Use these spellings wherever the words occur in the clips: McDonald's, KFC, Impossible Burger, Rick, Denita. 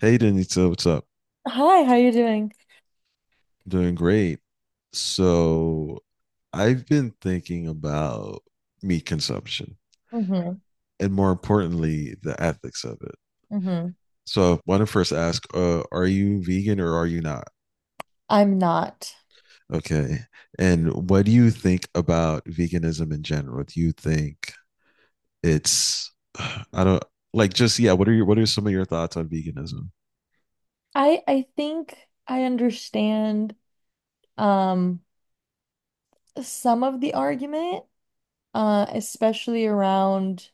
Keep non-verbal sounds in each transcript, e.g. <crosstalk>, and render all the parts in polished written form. Hey, Denita, what's up? Hi, how you doing? Doing great. So, I've been thinking about meat consumption Mm-hmm. and more importantly, the ethics of it. Mm-hmm. So, I want to first ask, are you vegan or are you not? I'm not. Okay. And what do you think about veganism in general? Do you think it's, <sighs> I don't like just, yeah, what are some of your thoughts on veganism? I think I understand um some of the argument, especially around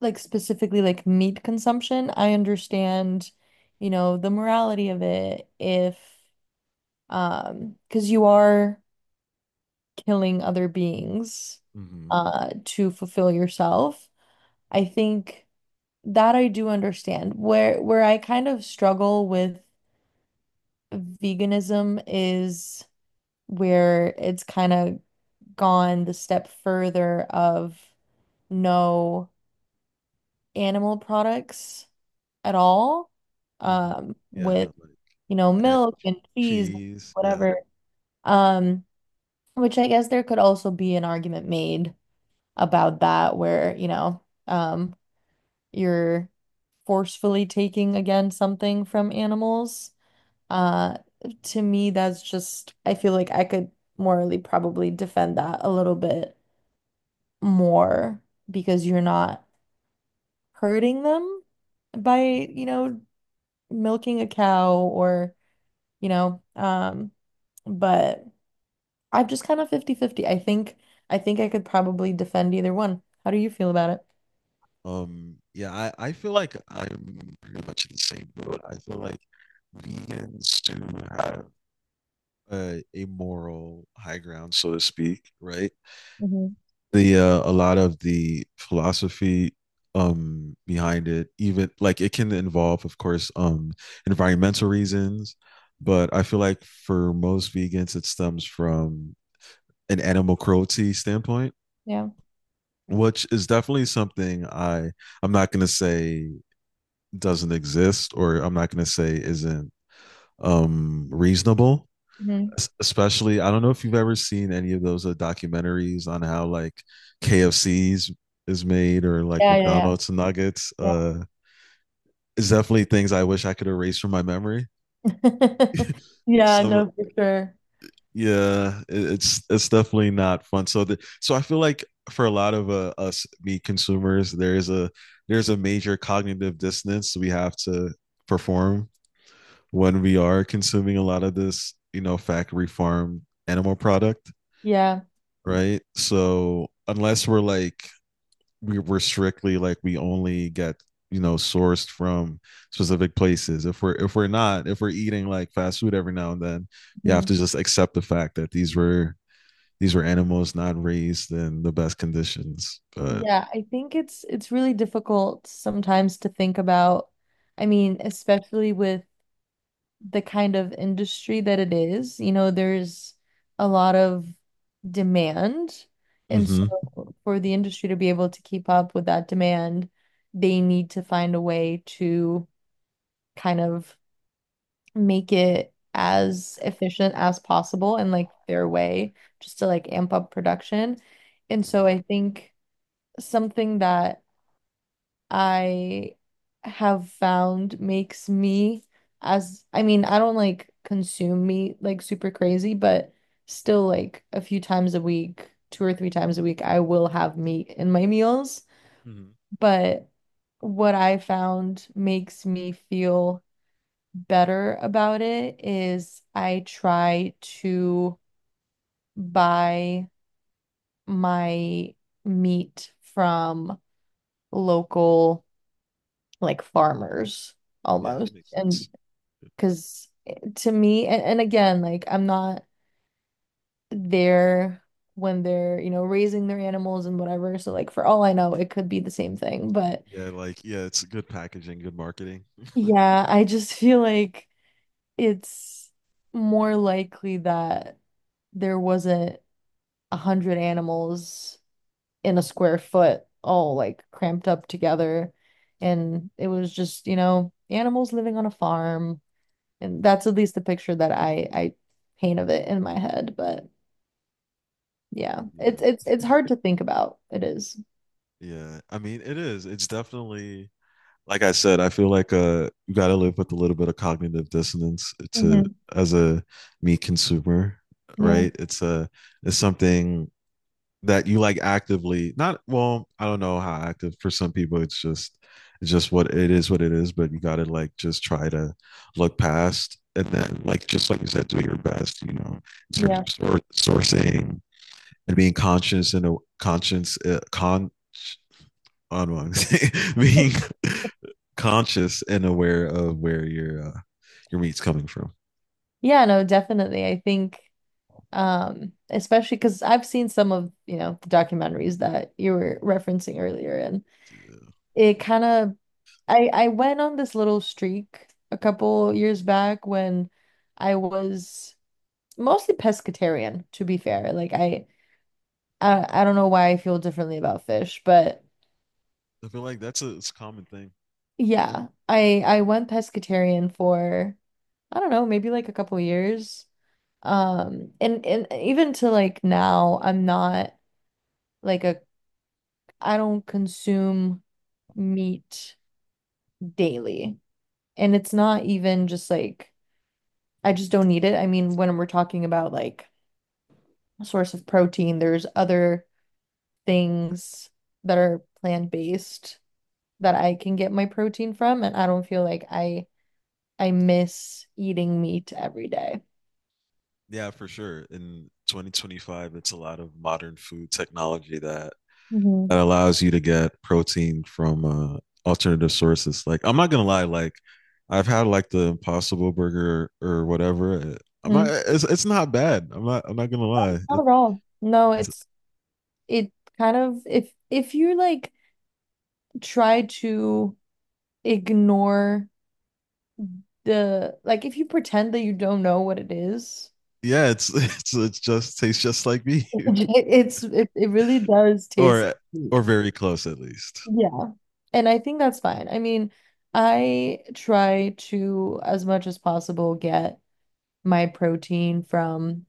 like specifically like meat consumption. I understand, you know, the morality of it if because you are killing other beings Hmm. To fulfill yourself. I think that I do understand. Where I kind of struggle with veganism is where it's kind of gone the step further of no animal products at all, Hmm. Yeah, with, like you know, egg, milk and cheese, cheese. Yeah. whatever. Um, which I guess there could also be an argument made about that where, um, you're forcefully taking again something from animals. Uh, to me, that's just, I feel like I could morally probably defend that a little bit more because you're not hurting them by, you know, milking a cow or, you know, um, but I'm just kind of fifty fifty. I think I could probably defend either one. How do you feel about it? Yeah, I feel like I'm pretty much in the same boat. I feel like vegans do have a moral high ground, so to speak, right? Hmm. the A lot of the philosophy behind it, even like it can involve, of course, environmental reasons, but I feel like for most vegans it stems from an animal cruelty standpoint, Yeah. which is definitely something I'm not going to say doesn't exist, or I'm not going to say isn't reasonable. Hmm. Especially, I don't know if you've ever seen any of those documentaries on how like KFC's is made or like Yeah, yeah, McDonald's nuggets. yeah. It's definitely things I wish I could erase from my memory. Yeah. <laughs> Yeah, Some no, for sure. Yeah, it's definitely not fun. So I feel like for a lot of us meat consumers, there is a there's a major cognitive dissonance we have to perform when we are consuming a lot of this, factory farm animal product, Yeah. right? So unless we're strictly, like, we only get sourced from specific places. If we're not, if we're eating like fast food every now and then, you have Mhm. to just accept the fact that these were animals not raised in the best conditions. But. Yeah, I think it's really difficult sometimes to think about. I mean, especially with the kind of industry that it is. You know, there's a lot of demand. And so Mm-hmm. for the industry to be able to keep up with that demand, they need to find a way to kind of make it as efficient as possible and like their way, just to like amp up production. And so I think something that I have found makes me as I mean, I don't like consume meat like super crazy, but still like a few times a week, two or three times a week, I will have meat in my meals. Mm-hmm. But what I found makes me feel better about it is I try to buy my meat from local like farmers Yeah, that almost. makes And sense. because to me, and again, like I'm not there when they're, you know, raising their animals and whatever. So, like, for all I know, it could be the same thing. But Yeah, like yeah, it's good packaging, good marketing. yeah, I just <laughs> feel like it's more likely that there wasn't a hundred animals in a square foot all like cramped up together. And it was just, you know, animals living on a farm, and that's at least the picture that I paint of it in my head. But yeah, Yeah, it's hard to think about. It is. yeah. I mean, it is. It's definitely, like I said, I feel like you gotta live with a little bit of cognitive dissonance to, Mhm. as a meat consumer, Yeah, right? It's something that you, like, actively not, well, I don't know how active, for some people it's just what it is, but you gotta like just try to look past, and then like just like you said, do your best, in yeah. terms of sourcing, and being conscious, and a conscience con on <laughs> being conscious and aware of where your meat's coming from. Yeah, no, definitely. I think especially because I've seen some of, you know, the documentaries that you were referencing earlier. And Yeah. it kind of I went on this little streak a couple years back when I was mostly pescatarian, to be fair. I don't know why I feel differently about fish. But I feel like it's a common thing. yeah, I went pescatarian for I don't know, maybe like a couple years. And even to like now, I'm not like a I don't consume meat daily. And it's not even just like I just don't need it. I mean, when we're talking about like a source of protein, there's other things that are plant-based that I can get my protein from, and I don't feel like I miss eating meat every day. Yeah, for sure. In 2025, it's a lot of modern food technology that Hmm. allows you to get protein from alternative sources. Like, I'm not gonna lie, like I've had like the Impossible Burger or whatever. I'm not. It's not bad. I'm not. I'm not gonna lie. Not at all. No, it's, it kind of if you like try to ignore the like if you pretend that you don't know what it is, yeah, it's <laughs> it just tastes just like me. <laughs> <laughs> it really does taste or like meat. or very close, at least. Yeah. And I think that's fine. I mean, I try to as much as possible get my protein from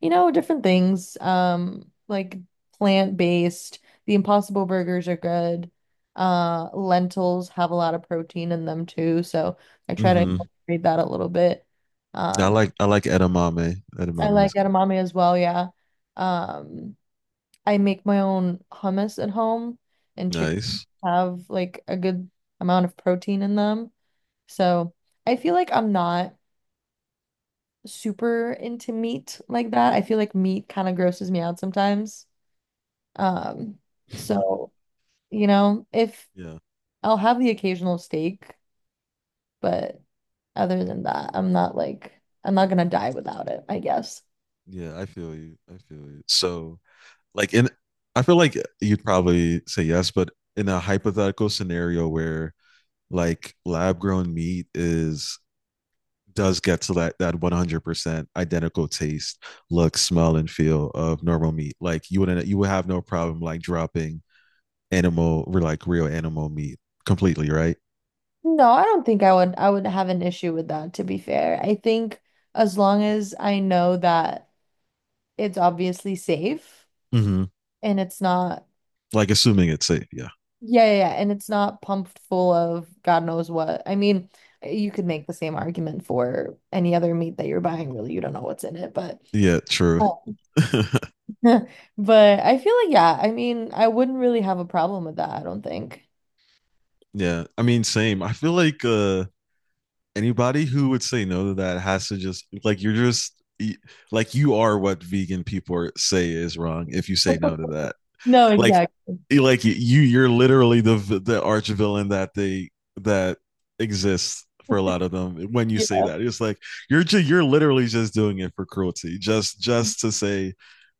you know, different things. Like plant-based, the Impossible burgers are good. Lentils have a lot of protein in them too, so I try to Mm-hmm. incorporate that a little bit. I Um, like I like edamame. I Edamame is like edamame as well, yeah. Um, I make my own hummus at home, and chickens nice. have like a good amount of protein in them. So I feel like I'm not super into meat like that. I feel like meat kind of grosses me out sometimes. Um, so, you know, if Yeah, I'll have the occasional steak, but other than that, I'm not gonna die without it, I guess. yeah. I feel you. I feel you. So like in, I feel like you'd probably say yes, but in a hypothetical scenario where, like, lab grown meat is does get to that 100% identical taste, look, smell, and feel of normal meat. Like, you wouldn't, you would have no problem like dropping animal, or like real animal meat, completely, right? No, I don't think I would have an issue with that, to be fair. I think as long as I know that it's obviously safe Mm-hmm. and it's not Like, assuming it's safe. Yeah. yeah, yeah, yeah, and it's not pumped full of God knows what. I mean, you could make the same argument for any other meat that you're buying, really. You don't know what's in it, but Yeah, true. <laughs> <laughs> but I feel like, yeah, I mean, I wouldn't really have a problem with that, I don't think. Yeah. I mean, same. I feel like anybody who would say no to that has to just like y- like, you are what vegan people are, say is wrong if you say no to that. No, Like exactly. you're literally the the arch villain that exists for a lot of them when you Yeah. say that. It's like you're literally just doing it for cruelty. Just to say,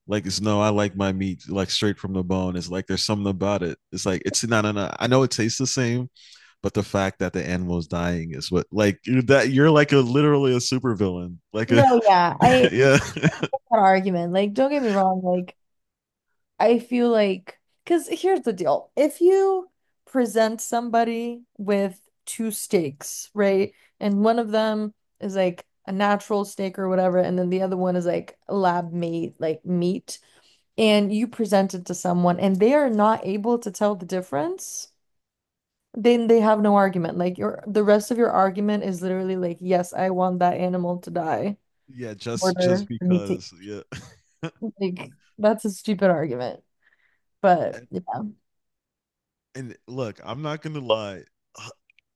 like, it's no, I like my meat like straight from the bone. It's like there's something about it. It's like it's no, no, no. I know it tastes the same, but the fact that the animal is dying is what, like, that you're like a literally a supervillain. Like a No, yeah, I <laughs> yeah, that argument. Like, don't get me wrong. Like, I feel like, because here's the deal. If you present somebody with two steaks, right? And one of them is like a natural steak or whatever, and then the other one is like lab made, like meat, and you present it to someone and they are not able to tell the difference. Then they have no argument. Like your the rest of your argument is literally like, yes, I want that animal to die <laughs> yeah. in Just order for me to eat. because, yeah. Like that's a stupid argument. But And, yeah. and look, I'm not gonna lie.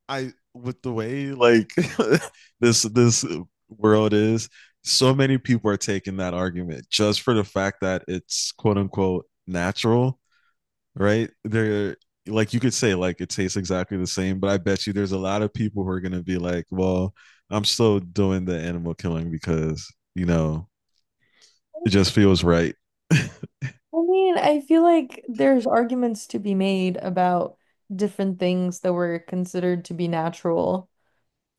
I, with the way like <laughs> this world is, so many people are taking that argument just for the fact that it's quote unquote natural, right? They're like, you could say like it tastes exactly the same, but I bet you there's a lot of people who are gonna be like, well, I'm still doing the animal killing because it just feels right. <laughs> I mean, I feel like there's arguments to be made about different things that were considered to be natural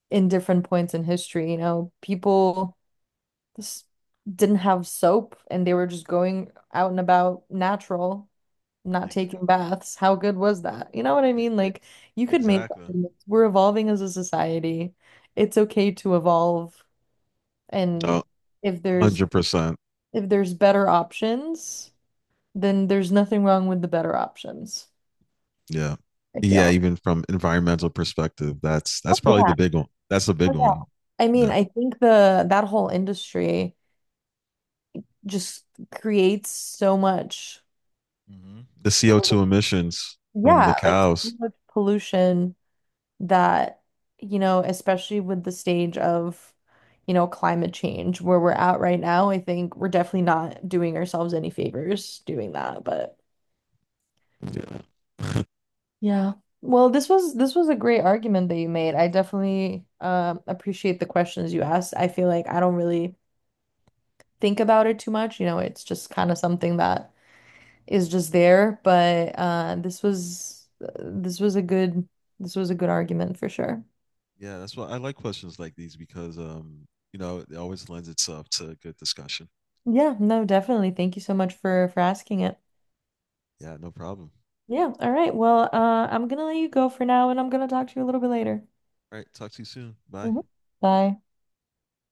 in different points in history. You know, people s- didn't have soap and they were just going out and about natural. Not taking Exactly. baths. How good was that? You know what I mean? Like you could make Exactly. arguments. We're evolving as a society. It's okay to evolve. No, And if one there's hundred percent. if there's better options, then there's nothing wrong with the better options, Yeah. I Yeah, feel. even from environmental perspective, that's Oh that's probably the yeah. big one. That's the Oh big yeah. one. I mean, Yeah. I think the that whole industry just creates so much Mm-hmm. The pollu- CO2 emissions from the yeah, like so cows. much pollution that, you know, especially with the stage of, you know, climate change where we're at right now, I think we're definitely not doing ourselves any favors doing that. But Yeah. <laughs> yeah. Well, this was a great argument that you made. I definitely appreciate the questions you asked. I feel like I don't really think about it too much. You know, it's just kind of something that is just there. But this was a good argument for sure. Yeah, that's why I like questions like these, because it always lends itself to good discussion. Yeah, no, definitely. Thank you so much for asking it. Yeah, no problem. Yeah. All right. Well, I'm gonna let you go for now, and I'm gonna talk to you a little bit later. All right, talk to you soon. Bye. Mhm. Bye.